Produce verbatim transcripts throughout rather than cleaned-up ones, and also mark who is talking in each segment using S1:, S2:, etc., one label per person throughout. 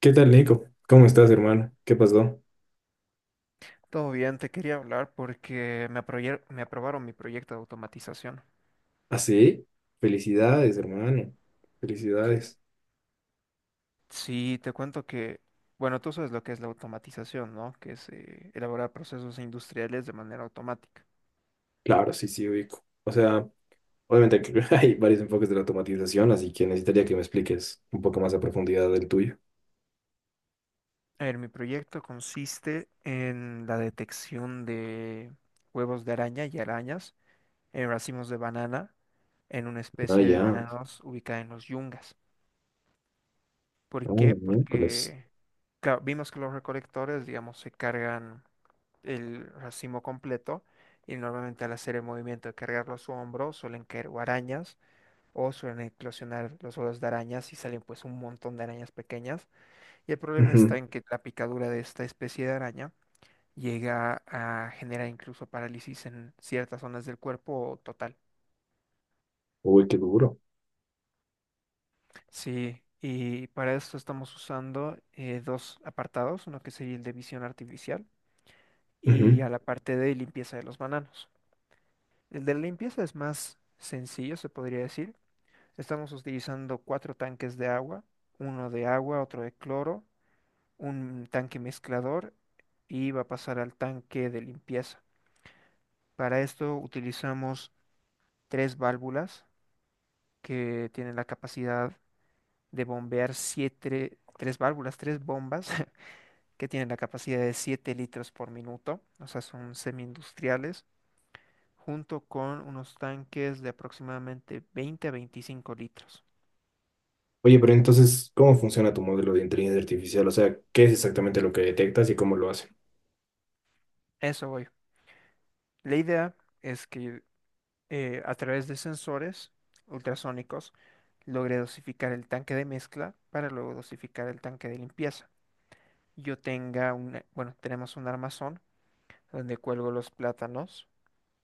S1: ¿Qué tal, Nico? ¿Cómo estás, hermano? ¿Qué pasó?
S2: Todo bien, te quería hablar porque me aproyer- me aprobaron mi proyecto de automatización.
S1: ¿Ah, sí? Felicidades, hermano. Felicidades.
S2: Sí, te cuento que, bueno, tú sabes lo que es la automatización, ¿no? Que es eh, elaborar procesos industriales de manera automática.
S1: Claro, sí, sí, ubico. O sea, obviamente que hay varios enfoques de la automatización, así que necesitaría que me expliques un poco más a profundidad del tuyo.
S2: A ver, mi proyecto consiste en la detección de huevos de araña y arañas en racimos de banana en una
S1: Ah,
S2: especie de
S1: ya.
S2: bananos ubicada en los yungas. ¿Por
S1: Ah,
S2: qué?
S1: miércoles.
S2: Porque claro, vimos que los recolectores, digamos, se cargan el racimo completo y normalmente al hacer el movimiento de cargarlo a su hombro suelen caer o arañas o suelen eclosionar los huevos de arañas y salen pues un montón de arañas pequeñas, y el problema está
S1: Ujú.
S2: en que la picadura de esta especie de araña llega a generar incluso parálisis en ciertas zonas del cuerpo o total.
S1: Uy, qué duro.
S2: Sí. Y para esto estamos usando eh, dos apartados, uno que sería el de visión artificial y
S1: Ujú.
S2: a la parte de limpieza de los bananos. El de la limpieza es más sencillo, se podría decir. Estamos utilizando cuatro tanques de agua, uno de agua, otro de cloro, un tanque mezclador, y va a pasar al tanque de limpieza. Para esto utilizamos tres válvulas que tienen la capacidad de bombear siete, tres válvulas, tres bombas que tienen la capacidad de siete litros por minuto, o sea, son semi industriales, junto con unos tanques de aproximadamente veinte a veinticinco litros.
S1: Oye, pero entonces, ¿cómo funciona tu modelo de inteligencia artificial? O sea, ¿qué es exactamente lo que detectas y cómo lo hace?
S2: Eso voy. La idea es que eh, a través de sensores ultrasónicos logre dosificar el tanque de mezcla para luego dosificar el tanque de limpieza. Yo tenga un, bueno, tenemos un armazón donde cuelgo los plátanos.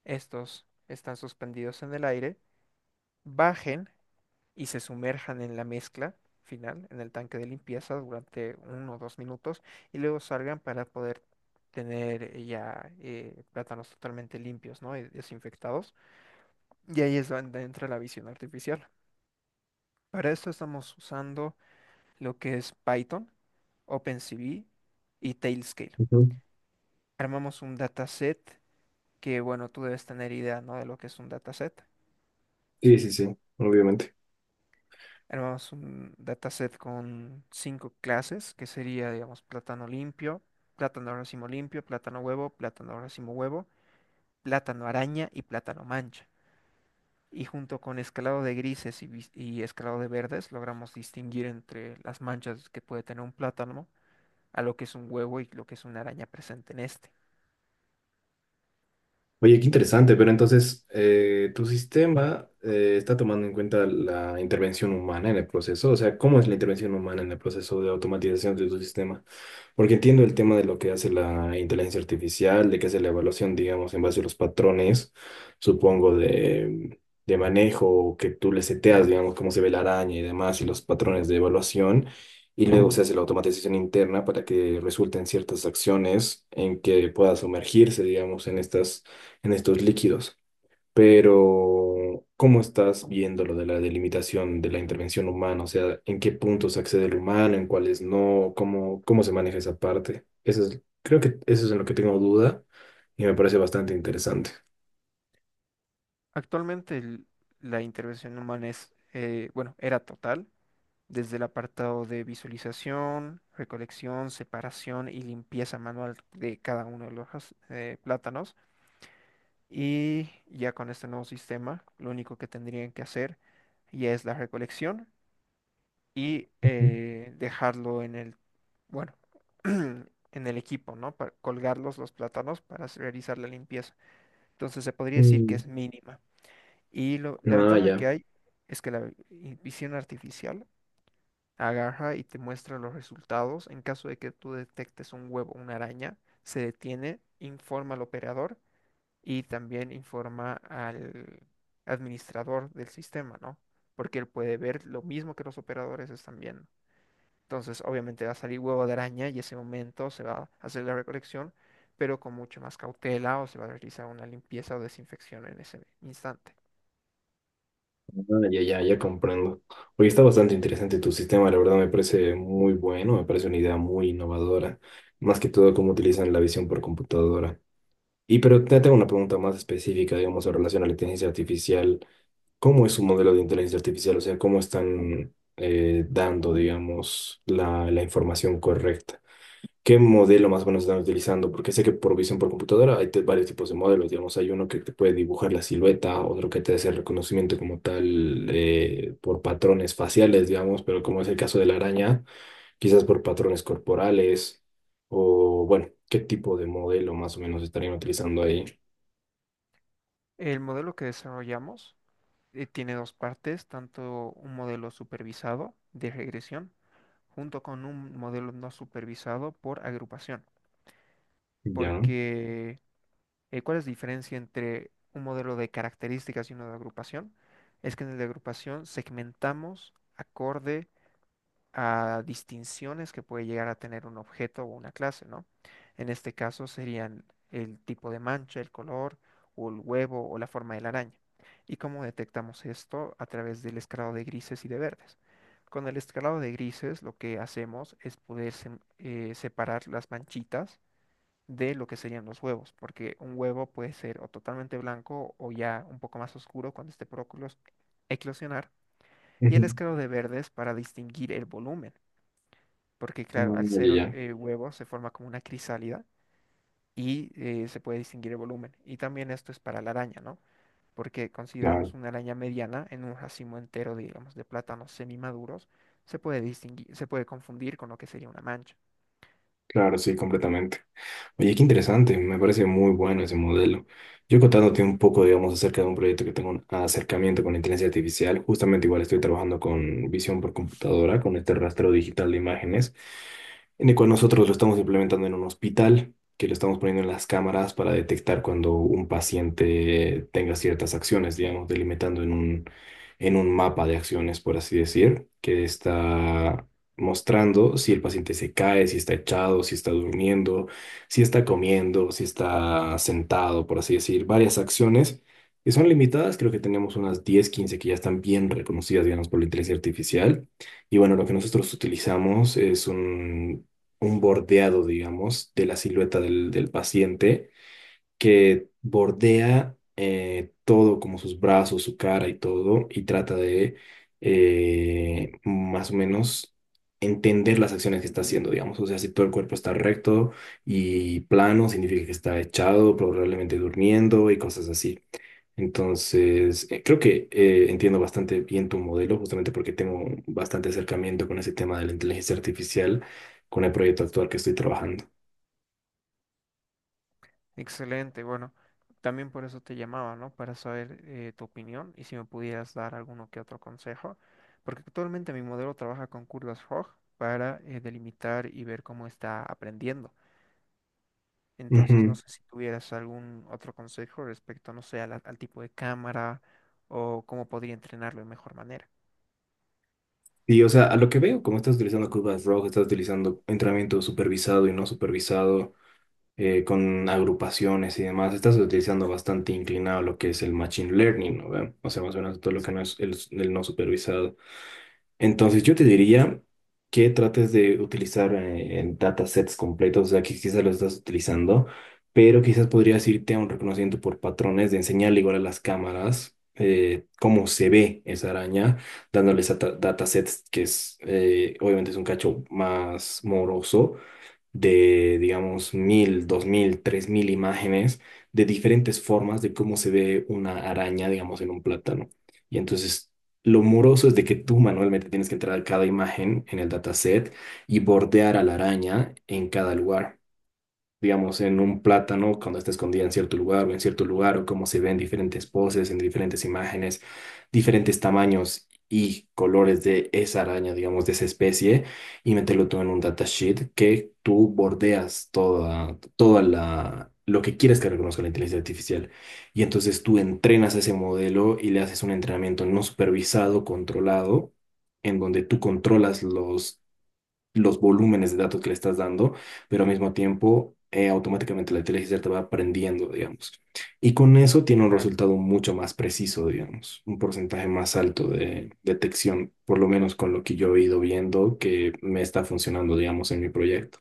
S2: Estos están suspendidos en el aire, bajen y se sumerjan en la mezcla final, en el tanque de limpieza durante uno o dos minutos, y luego salgan para poder tener ya eh, plátanos totalmente limpios, ¿no? Y desinfectados. Y ahí es donde entra la visión artificial. Para esto estamos usando lo que es Python, OpenCV y Tailscale.
S1: Ujú.
S2: Armamos un dataset que, bueno, tú debes tener idea, ¿no? De lo que es un dataset.
S1: Sí, sí, sí, obviamente.
S2: Armamos un dataset con cinco clases, que sería, digamos, plátano limpio, plátano racimo limpio, plátano huevo, plátano racimo huevo, plátano araña y plátano mancha, y junto con escalado de grises y, vis- y escalado de verdes logramos distinguir entre las manchas que puede tener un plátano a lo que es un huevo y lo que es una araña presente en este.
S1: Oye, qué interesante, pero entonces eh, tu sistema eh, está tomando en cuenta la intervención humana en el proceso. O sea, ¿cómo es la intervención humana en el proceso de automatización de tu sistema? Porque entiendo el tema de lo que hace la inteligencia artificial, de que hace la evaluación, digamos, en base a los patrones, supongo, de, de manejo, que tú le seteas, digamos, cómo se ve la araña y demás, y los patrones de evaluación, y luego se hace la automatización interna para que resulten ciertas acciones en que pueda sumergirse, digamos, en estas, en estos líquidos. Pero, ¿cómo estás viendo lo de la delimitación de la intervención humana? O sea, ¿en qué puntos accede el humano, en cuáles no? ¿Cómo, cómo se maneja esa parte? Eso es, creo que eso es en lo que tengo duda y me parece bastante interesante.
S2: Actualmente el- la intervención humana es, eh, bueno, era total, desde el apartado de visualización, recolección, separación y limpieza manual de cada uno de los ras- eh, plátanos. Y ya con este nuevo sistema, lo único que tendrían que hacer ya es la recolección y
S1: Ujú.
S2: eh, dejarlo en el, bueno, en el equipo, ¿no? Para colgarlos los plátanos para s- realizar la limpieza. Entonces se podría decir que
S1: Mm.
S2: es mínima. Y lo- la
S1: Ah,
S2: ventaja que
S1: ya.
S2: hay es que la vi- visión artificial agarra y te muestra los resultados. En caso de que tú detectes un huevo, una araña, se detiene, informa al operador y también informa al administrador del sistema, ¿no? Porque él puede ver lo mismo que los operadores están viendo. Entonces, obviamente va a salir huevo de araña y ese momento se va a hacer la recolección, pero con mucha más cautela o se va a realizar una limpieza o desinfección en ese instante.
S1: Ah, ya, ya, ya comprendo. Oye, está bastante interesante tu sistema, la verdad me parece muy bueno, me parece una idea muy innovadora, más que todo cómo utilizan la visión por computadora. Y pero te tengo una pregunta más específica, digamos, en relación a la inteligencia artificial. Cómo es su modelo de inteligencia artificial. O sea, cómo están eh, dando, digamos, la, la información correcta. ¿Qué modelo más o menos están utilizando? Porque sé que por visión por computadora hay te- varios tipos de modelos, digamos, hay uno que te puede dibujar la silueta, otro que te hace el reconocimiento como tal eh, por patrones faciales, digamos, pero como es el caso de la araña, quizás por patrones corporales o, bueno, ¿qué tipo de modelo más o menos estarían utilizando ahí?
S2: El modelo que desarrollamos eh, tiene dos partes, tanto un modelo supervisado de regresión junto con un modelo no supervisado por agrupación.
S1: Ya.
S2: Porque, eh, ¿cuál es la diferencia entre un modelo de características y uno de agrupación? Es que en el de agrupación segmentamos acorde a distinciones que puede llegar a tener un objeto o una clase, ¿no? En este caso serían el tipo de mancha, el color, o el huevo, o la forma de la araña. ¿Y cómo detectamos esto? A través del escalado de grises y de verdes. Con el escalado de grises lo que hacemos es poder sem- eh, separar las manchitas de lo que serían los huevos, porque un huevo puede ser o totalmente blanco o ya un poco más oscuro cuando esté por eclos- eclosionar, y el
S1: Ujú.
S2: escalado de verdes para distinguir el volumen, porque
S1: Ah,
S2: claro, al
S1: ya,
S2: ser
S1: ya.
S2: eh, huevo se forma como una crisálida y eh, se puede distinguir el volumen. Y también esto es para la araña, ¿no? Porque
S1: Ya.
S2: consideramos una araña mediana en un racimo entero, digamos, de plátanos semimaduros, se puede distinguir, se puede confundir con lo que sería una mancha.
S1: Claro, sí, completamente. Oye, qué interesante, me parece muy bueno ese modelo. Yo contándote un poco, digamos, acerca de un proyecto que tengo un acercamiento con la inteligencia artificial, justamente igual estoy trabajando con visión por computadora, con este rastreo digital de imágenes en el cual nosotros lo estamos implementando en un hospital, que lo estamos poniendo en las cámaras para detectar cuando un paciente tenga ciertas acciones, digamos, delimitando en un, en un mapa de acciones, por así decir, que está mostrando si el paciente se cae, si está echado, si está durmiendo, si está comiendo, si está sentado, por así decir, varias acciones que son limitadas. Creo que tenemos unas diez, quince que ya están bien reconocidas, digamos, por la inteligencia artificial. Y bueno, lo que nosotros utilizamos es un un bordeado, digamos, de la silueta del, del paciente, que bordea eh, todo, como sus brazos, su cara y todo, y trata de eh, más o menos entender las acciones que está haciendo, digamos. O sea, si todo el cuerpo está recto y plano, significa que está echado, probablemente durmiendo y cosas así. Entonces, eh, creo que eh, entiendo bastante bien tu modelo, justamente porque tengo bastante acercamiento con ese tema de la inteligencia artificial, con el proyecto actual que estoy trabajando.
S2: Excelente, bueno, también por eso te llamaba, ¿no? Para saber eh, tu opinión y si me pudieras dar alguno que otro consejo, porque actualmente mi modelo trabaja con curvas Roj para eh, delimitar y ver cómo está aprendiendo. Entonces, no sé si tuvieras algún otro consejo respecto, no sé, a la- al tipo de cámara o cómo podría entrenarlo de mejor manera.
S1: Y, o sea, a lo que veo, como estás utilizando curvas rojas, estás utilizando entrenamiento supervisado y no supervisado, eh, con agrupaciones y demás, estás utilizando bastante inclinado lo que es el machine learning, ¿no ve? O sea, más o menos todo lo que no
S2: Exacto.
S1: es el, el no supervisado. Entonces yo te diría que trates de utilizar eh, en datasets completos. O sea, que quizás lo estás utilizando, pero quizás podrías irte a un reconocimiento por patrones de enseñarle igual a las cámaras eh, cómo se ve esa araña, dándoles a ta- datasets, que es, eh, obviamente es un cacho más moroso, de, digamos, mil, dos mil, tres mil imágenes de diferentes formas de cómo se ve una araña, digamos, en un plátano. Y entonces, lo moroso es de que tú manualmente tienes que entrar a cada imagen en el dataset y bordear a la araña en cada lugar, digamos, en un plátano cuando está escondida en cierto lugar o en cierto lugar, o cómo se ven diferentes poses, en diferentes imágenes, diferentes tamaños y colores de esa araña, digamos, de esa especie, y meterlo todo en un datasheet que tú bordeas toda, toda la... lo que quieres que reconozca la inteligencia artificial. Y entonces tú entrenas ese modelo y le haces un entrenamiento no supervisado, controlado, en donde tú controlas los los volúmenes de datos que le estás dando, pero al mismo tiempo eh, automáticamente la inteligencia te va aprendiendo, digamos. Y con eso tiene un
S2: Claro.
S1: resultado mucho más preciso, digamos, un porcentaje más alto de detección, por lo menos con lo que yo he ido viendo que me está funcionando, digamos, en mi proyecto.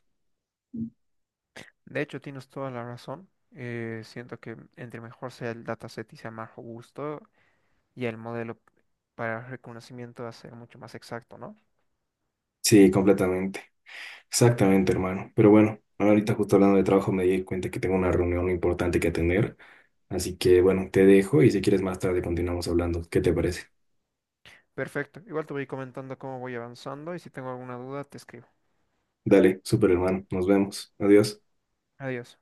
S2: De hecho, tienes toda la razón. Eh, siento que entre mejor sea el dataset y sea más robusto y el modelo para el reconocimiento va a ser mucho más exacto, ¿no?
S1: Sí, completamente. Exactamente, hermano. Pero bueno, ahorita justo hablando de trabajo me di cuenta que tengo una reunión importante que atender. Así que bueno, te dejo y si quieres más tarde continuamos hablando. ¿Qué te parece?
S2: Perfecto. Igual te voy comentando cómo voy avanzando y si tengo alguna duda, te escribo.
S1: Dale, súper hermano. Nos vemos. Adiós.
S2: Adiós.